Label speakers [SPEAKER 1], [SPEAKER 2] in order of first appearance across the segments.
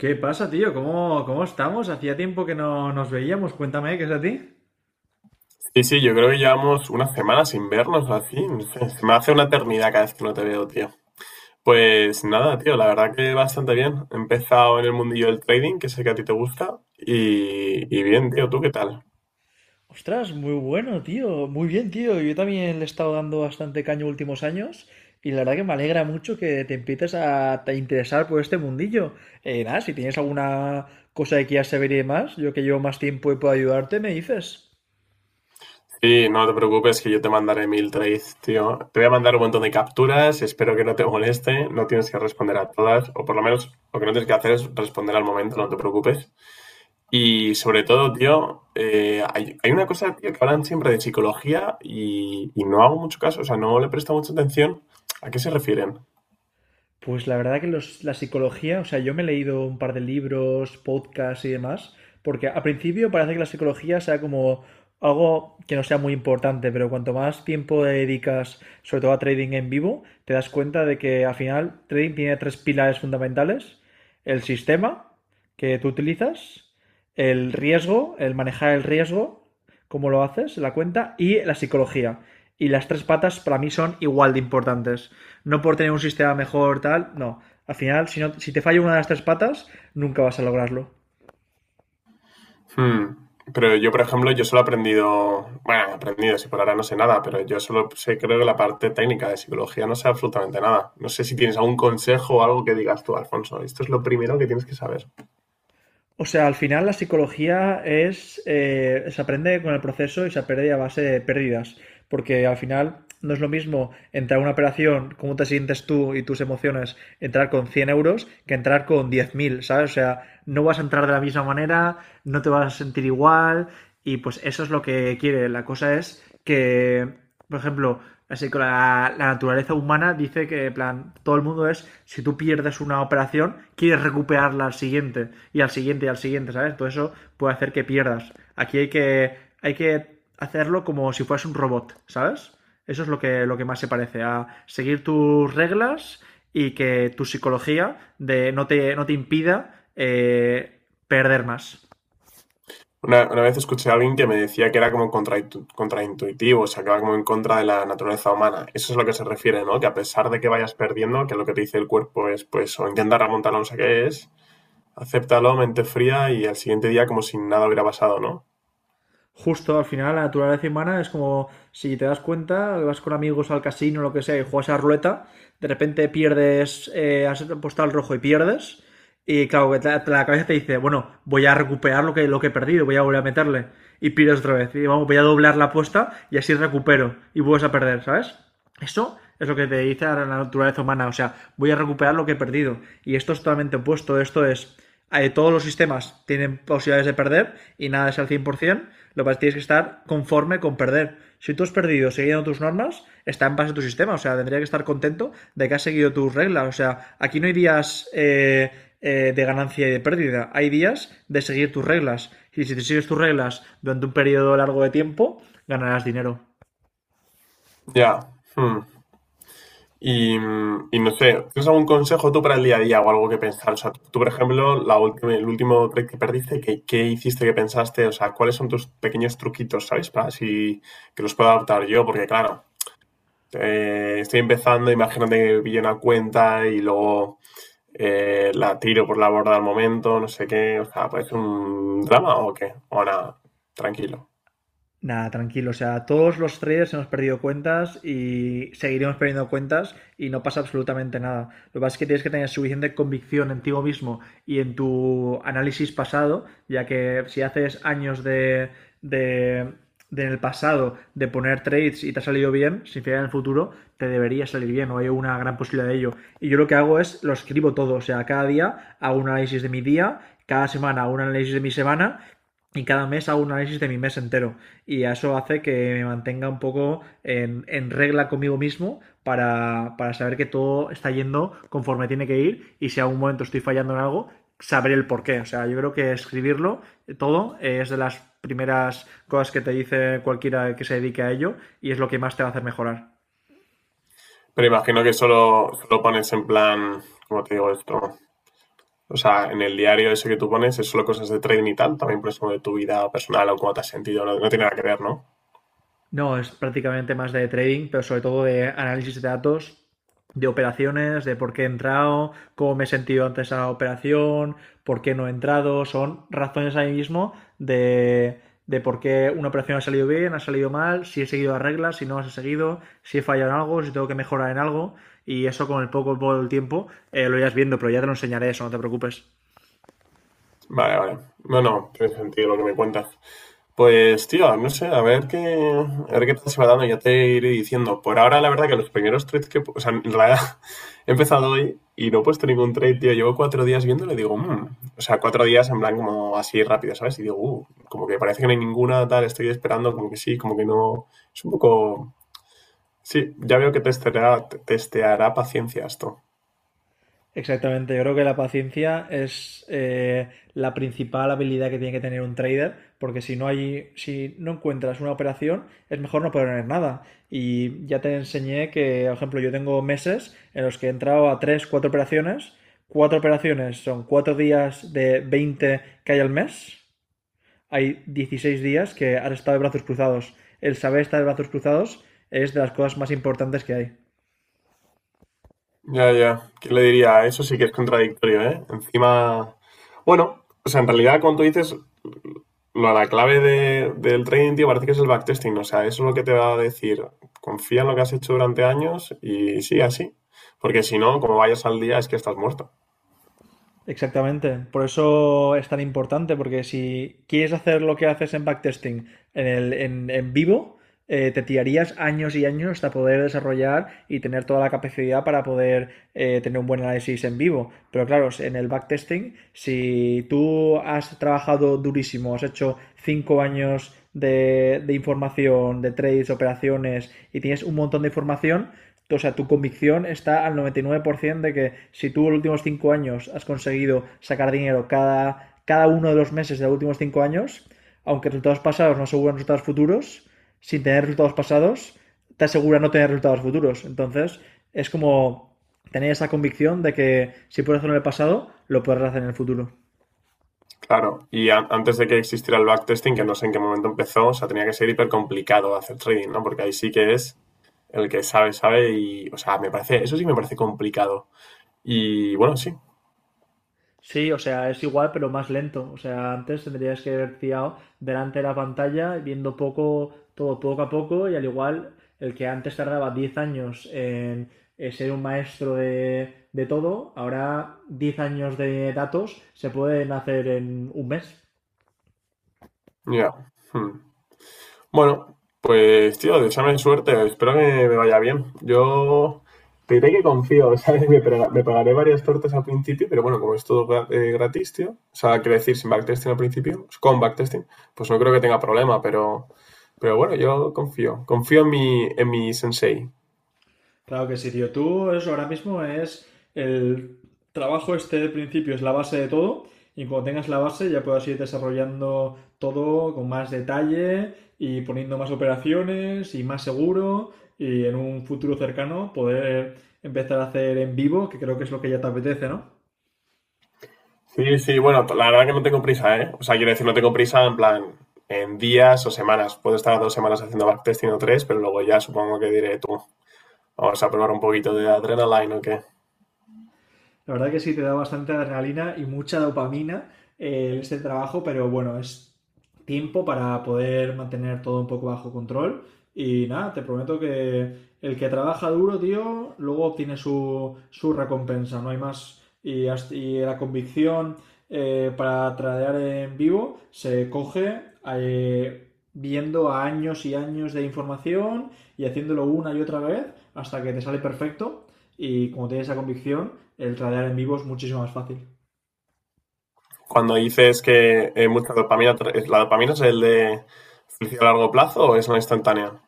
[SPEAKER 1] ¿Qué pasa, tío? ¿Cómo estamos? Hacía tiempo que no nos veíamos. Cuéntame, ¿qué es de ti?
[SPEAKER 2] Sí, sí, yo creo que llevamos unas semanas sin vernos o así. No sé, se me hace una eternidad cada vez que no te veo, tío. Pues nada, tío, la verdad que bastante bien. He empezado en el mundillo del trading, que sé que a ti te gusta. Y bien, tío, ¿tú qué tal?
[SPEAKER 1] Ostras, muy bueno, tío. Muy bien, tío. Yo también le he estado dando bastante caño últimos años y la verdad que me alegra mucho que te empieces a te interesar por este mundillo. Nada, si tienes alguna cosa que quieras saber y demás, yo que llevo más tiempo y puedo ayudarte, me dices.
[SPEAKER 2] Sí, no te preocupes que yo te mandaré mil trades, tío. Te voy a mandar un montón de capturas, espero que no te moleste. No tienes que responder a todas, o por lo menos lo que no tienes que hacer es responder al momento, no te preocupes. Y sobre todo, tío, hay una cosa, tío, que hablan siempre de psicología y no hago mucho caso, o sea, no le presto mucha atención. ¿A qué se refieren?
[SPEAKER 1] Pues la verdad que la psicología, o sea, yo me he leído un par de libros, podcasts y demás, porque al principio parece que la psicología sea como algo que no sea muy importante, pero cuanto más tiempo le dedicas, sobre todo a trading en vivo, te das cuenta de que al final trading tiene tres pilares fundamentales, el sistema que tú utilizas, el riesgo, el manejar el riesgo, cómo lo haces, la cuenta, y la psicología. Y las tres patas para mí son igual de importantes no por tener un sistema mejor, tal, no. Al final, si, no, si te falla una de las tres patas, nunca vas a lograrlo.
[SPEAKER 2] Hmm. Pero yo, por ejemplo, yo solo he aprendido, bueno, he aprendido, si por ahora no sé nada, pero yo solo sé, creo que la parte técnica de psicología no sé absolutamente nada. No sé si tienes algún consejo o algo que digas tú, Alfonso, esto es lo primero que tienes que saber.
[SPEAKER 1] O sea, al final la psicología es, se aprende con el proceso y se aprende a base de pérdidas, porque al final no es lo mismo entrar a una operación, cómo te sientes tú y tus emociones, entrar con 100 euros que entrar con 10 mil, ¿sabes? O sea, no vas a entrar de la misma manera, no te vas a sentir igual y pues eso es lo que quiere. La cosa es que por ejemplo, así que la naturaleza humana dice que, en plan, todo el mundo es, si tú pierdes una operación, quieres recuperarla al siguiente, y al siguiente, y al siguiente, ¿sabes? Todo eso puede hacer que pierdas. Aquí hay que hacerlo como si fueras un robot, ¿sabes? Eso es lo que más se parece, a seguir tus reglas y que tu psicología de no te, no te impida perder más.
[SPEAKER 2] Una vez escuché a alguien que me decía que era como contraintuitivo, o sea, que va como en contra de la naturaleza humana. Eso es a lo que se refiere, ¿no? Que a pesar de que vayas perdiendo, que lo que te dice el cuerpo es, pues, o intenta remontarlo, no sé qué es, acéptalo, mente fría y al siguiente día como si nada hubiera pasado, ¿no?
[SPEAKER 1] Justo al final la naturaleza humana es como si te das cuenta, vas con amigos al casino, o lo que sea, y juegas a ruleta, de repente pierdes, has apostado al rojo y pierdes, y claro, que la cabeza te dice, bueno, voy a recuperar lo que he perdido, voy a volver a meterle, y pierdes otra vez, y vamos, voy a doblar la apuesta y así recupero, y vuelves a perder, ¿sabes? Eso es lo que te dice la naturaleza humana, o sea, voy a recuperar lo que he perdido. Y esto es totalmente opuesto, esto es, todos los sistemas tienen posibilidades de perder y nada es al 100%, lo que tienes que estar conforme con perder. Si tú has perdido siguiendo tus normas, está en base a tu sistema, o sea, tendría que estar contento de que has seguido tus reglas, o sea, aquí no hay días de ganancia y de pérdida, hay días de seguir tus reglas, y si te sigues tus reglas durante un periodo largo de tiempo, ganarás dinero.
[SPEAKER 2] Ya. Hmm. Y no sé, ¿tienes algún consejo tú para el día a día o algo que pensar? O sea, tú, por ejemplo, la última, el último trade que perdiste, ¿qué hiciste, qué pensaste? O sea, ¿cuáles son tus pequeños truquitos, ¿sabes? Para así que los pueda adaptar yo, porque claro. Estoy empezando, imagínate que pillo una cuenta y luego la tiro por la borda al momento, no sé qué, o sea, ¿puede ser un drama o qué? O nada, tranquilo.
[SPEAKER 1] Nada, tranquilo. O sea, todos los traders hemos perdido cuentas y seguiremos perdiendo cuentas y no pasa absolutamente nada. Lo que pasa es que tienes que tener suficiente convicción en ti mismo y en tu análisis pasado, ya que si haces años de, de en el pasado de poner trades y te ha salido bien, sin fiar en el futuro, te debería salir bien o hay una gran posibilidad de ello. Y yo lo que hago es lo escribo todo. O sea, cada día hago un análisis de mi día, cada semana hago un análisis de mi semana y cada mes hago un análisis de mi mes entero y eso hace que me mantenga un poco en regla conmigo mismo para saber que todo está yendo conforme tiene que ir y si a un momento estoy fallando en algo, saber el por qué. O sea, yo creo que escribirlo todo es de las primeras cosas que te dice cualquiera que se dedique a ello y es lo que más te va a hacer mejorar.
[SPEAKER 2] Pero imagino que solo pones en plan, ¿cómo te digo esto? O sea, en el diario ese que tú pones es solo cosas de trading y tal, también pones como de tu vida personal o cómo te has sentido, no, no tiene nada que ver, ¿no?
[SPEAKER 1] No, es prácticamente más de trading, pero sobre todo de análisis de datos, de operaciones, de por qué he entrado, cómo me he sentido antes a la operación, por qué no he entrado. Son razones ahí mismo de, de por qué una operación ha salido bien, ha salido mal, si he seguido las reglas, si no las he seguido, si he fallado en algo, si tengo que mejorar en algo. Y eso con el poco del tiempo lo irás viendo, pero ya te lo enseñaré eso, no te preocupes.
[SPEAKER 2] Vale, vale. No, no, tiene sentido lo que me cuentas. Pues, tío, no sé, a ver qué tal se va dando, ya te iré diciendo. Por ahora, la verdad que los primeros trades que... O sea, en realidad he empezado hoy y no he puesto ningún trade, tío. Llevo 4 días viéndolo y digo, "Mm". O sea, 4 días en plan como así rápido, ¿sabes? Y digo, como que parece que no hay ninguna, tal, estoy esperando, como que sí, como que no". Es un poco... Sí, ya veo que te testeará paciencia esto.
[SPEAKER 1] Exactamente, yo creo que la paciencia es la principal habilidad que tiene que tener un trader, porque si no hay, si no encuentras una operación, es mejor no poner nada. Y ya te enseñé que, por ejemplo, yo tengo meses en los que he entrado a 3, 4 operaciones. 4 operaciones son 4 días de 20 que hay al mes. Hay 16 días que has estado de brazos cruzados. El saber estar de brazos cruzados es de las cosas más importantes que hay.
[SPEAKER 2] Ya, ya. ¿Qué le diría? Eso sí que es contradictorio, ¿eh? Encima. Bueno, o sea, en realidad, cuando tú dices, lo, la clave del trading, tío, parece que es el backtesting. O sea, eso es lo que te va a decir. Confía en lo que has hecho durante años y sigue así. Porque si no, como vayas al día, es que estás muerto.
[SPEAKER 1] Exactamente, por eso es tan importante, porque si quieres hacer lo que haces en backtesting en vivo, te tirarías años y años hasta poder desarrollar y tener toda la capacidad para poder tener un buen análisis en vivo. Pero claro, en el backtesting, si tú has trabajado durísimo, has hecho 5 años de información, de trades, operaciones y tienes un montón de información, o sea, tu convicción está al 99% de que si tú en los últimos 5 años has conseguido sacar dinero cada, cada uno de los meses de los últimos 5 años, aunque resultados pasados no aseguran resultados futuros, sin tener resultados pasados, te asegura no tener resultados futuros. Entonces, es como tener esa convicción de que si puedes hacerlo en el pasado, lo puedes hacer en el futuro.
[SPEAKER 2] Claro. Antes de que existiera el backtesting, que no sé en qué momento empezó, o sea, tenía que ser hiper complicado hacer trading, ¿no? Porque ahí sí que es el que sabe, sabe y. O sea, me parece. Eso sí me parece complicado. Y bueno, sí.
[SPEAKER 1] Sí, o sea, es igual, pero más lento. O sea, antes tendrías que haber fiado delante de la pantalla, viendo poco, todo poco a poco, y al igual, el que antes tardaba 10 años en, ser un maestro de todo, ahora 10 años de datos se pueden hacer en un mes.
[SPEAKER 2] Ya. Hmm. Bueno, pues tío, deseame suerte, espero que me vaya bien. Yo te diré que confío, ¿sabes? Me pagaré varias tortas al principio, pero bueno, como es todo gratis, tío, o sea, quiero decir, sin backtesting al principio, con backtesting, pues no creo que tenga problema, pero bueno, yo confío en mi sensei.
[SPEAKER 1] Claro que sí, tío. Tú eso ahora mismo es el trabajo este de principio, es la base de todo. Y cuando tengas la base ya puedas ir desarrollando todo con más detalle y poniendo más operaciones y más seguro y en un futuro cercano poder empezar a hacer en vivo, que creo que es lo que ya te apetece, ¿no?
[SPEAKER 2] Sí, sí, bueno, la verdad que no tengo prisa, ¿eh? O sea, quiero decir, no tengo prisa en plan en días o semanas. Puedo estar 2 semanas haciendo backtesting o tres, pero luego ya supongo que diré tú, vamos a probar un poquito de adrenaline o qué.
[SPEAKER 1] La verdad que sí, te da bastante adrenalina y mucha dopamina este trabajo, pero bueno, es tiempo para poder mantener todo un poco bajo control. Y nada, te prometo que el que trabaja duro, tío, luego obtiene su recompensa, no hay más. Y, y la convicción para tradear en vivo se coge viendo a años y años de información y haciéndolo una y otra vez hasta que te sale perfecto y como tienes esa convicción, el tradear en vivo es muchísimo más fácil.
[SPEAKER 2] Cuando dices que mucha dopamina, ¿la dopamina es el de felicidad a largo plazo o es una instantánea?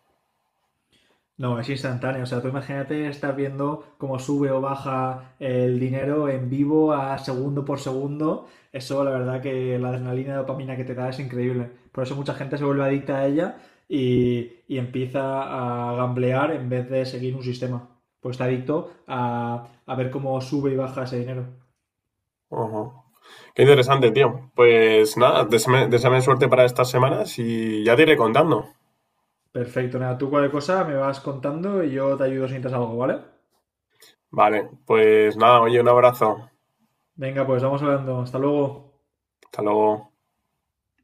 [SPEAKER 1] No, es instantáneo. O sea, tú imagínate estar viendo cómo sube o baja el dinero en vivo a segundo por segundo. Eso, la verdad, que la adrenalina y dopamina que te da es increíble. Por eso mucha gente se vuelve adicta a ella y empieza a gamblear en vez de seguir un sistema. Pues está adicto a ver cómo sube y baja ese dinero.
[SPEAKER 2] Ujú. Qué interesante, tío. Pues nada, deséame suerte para estas semanas y ya te iré contando.
[SPEAKER 1] Perfecto, nada, tú cualquier cosa me vas contando y yo te ayudo si necesitas algo, ¿vale?
[SPEAKER 2] Vale, pues nada, oye, un abrazo.
[SPEAKER 1] Venga, pues vamos hablando. Hasta luego.
[SPEAKER 2] Hasta luego.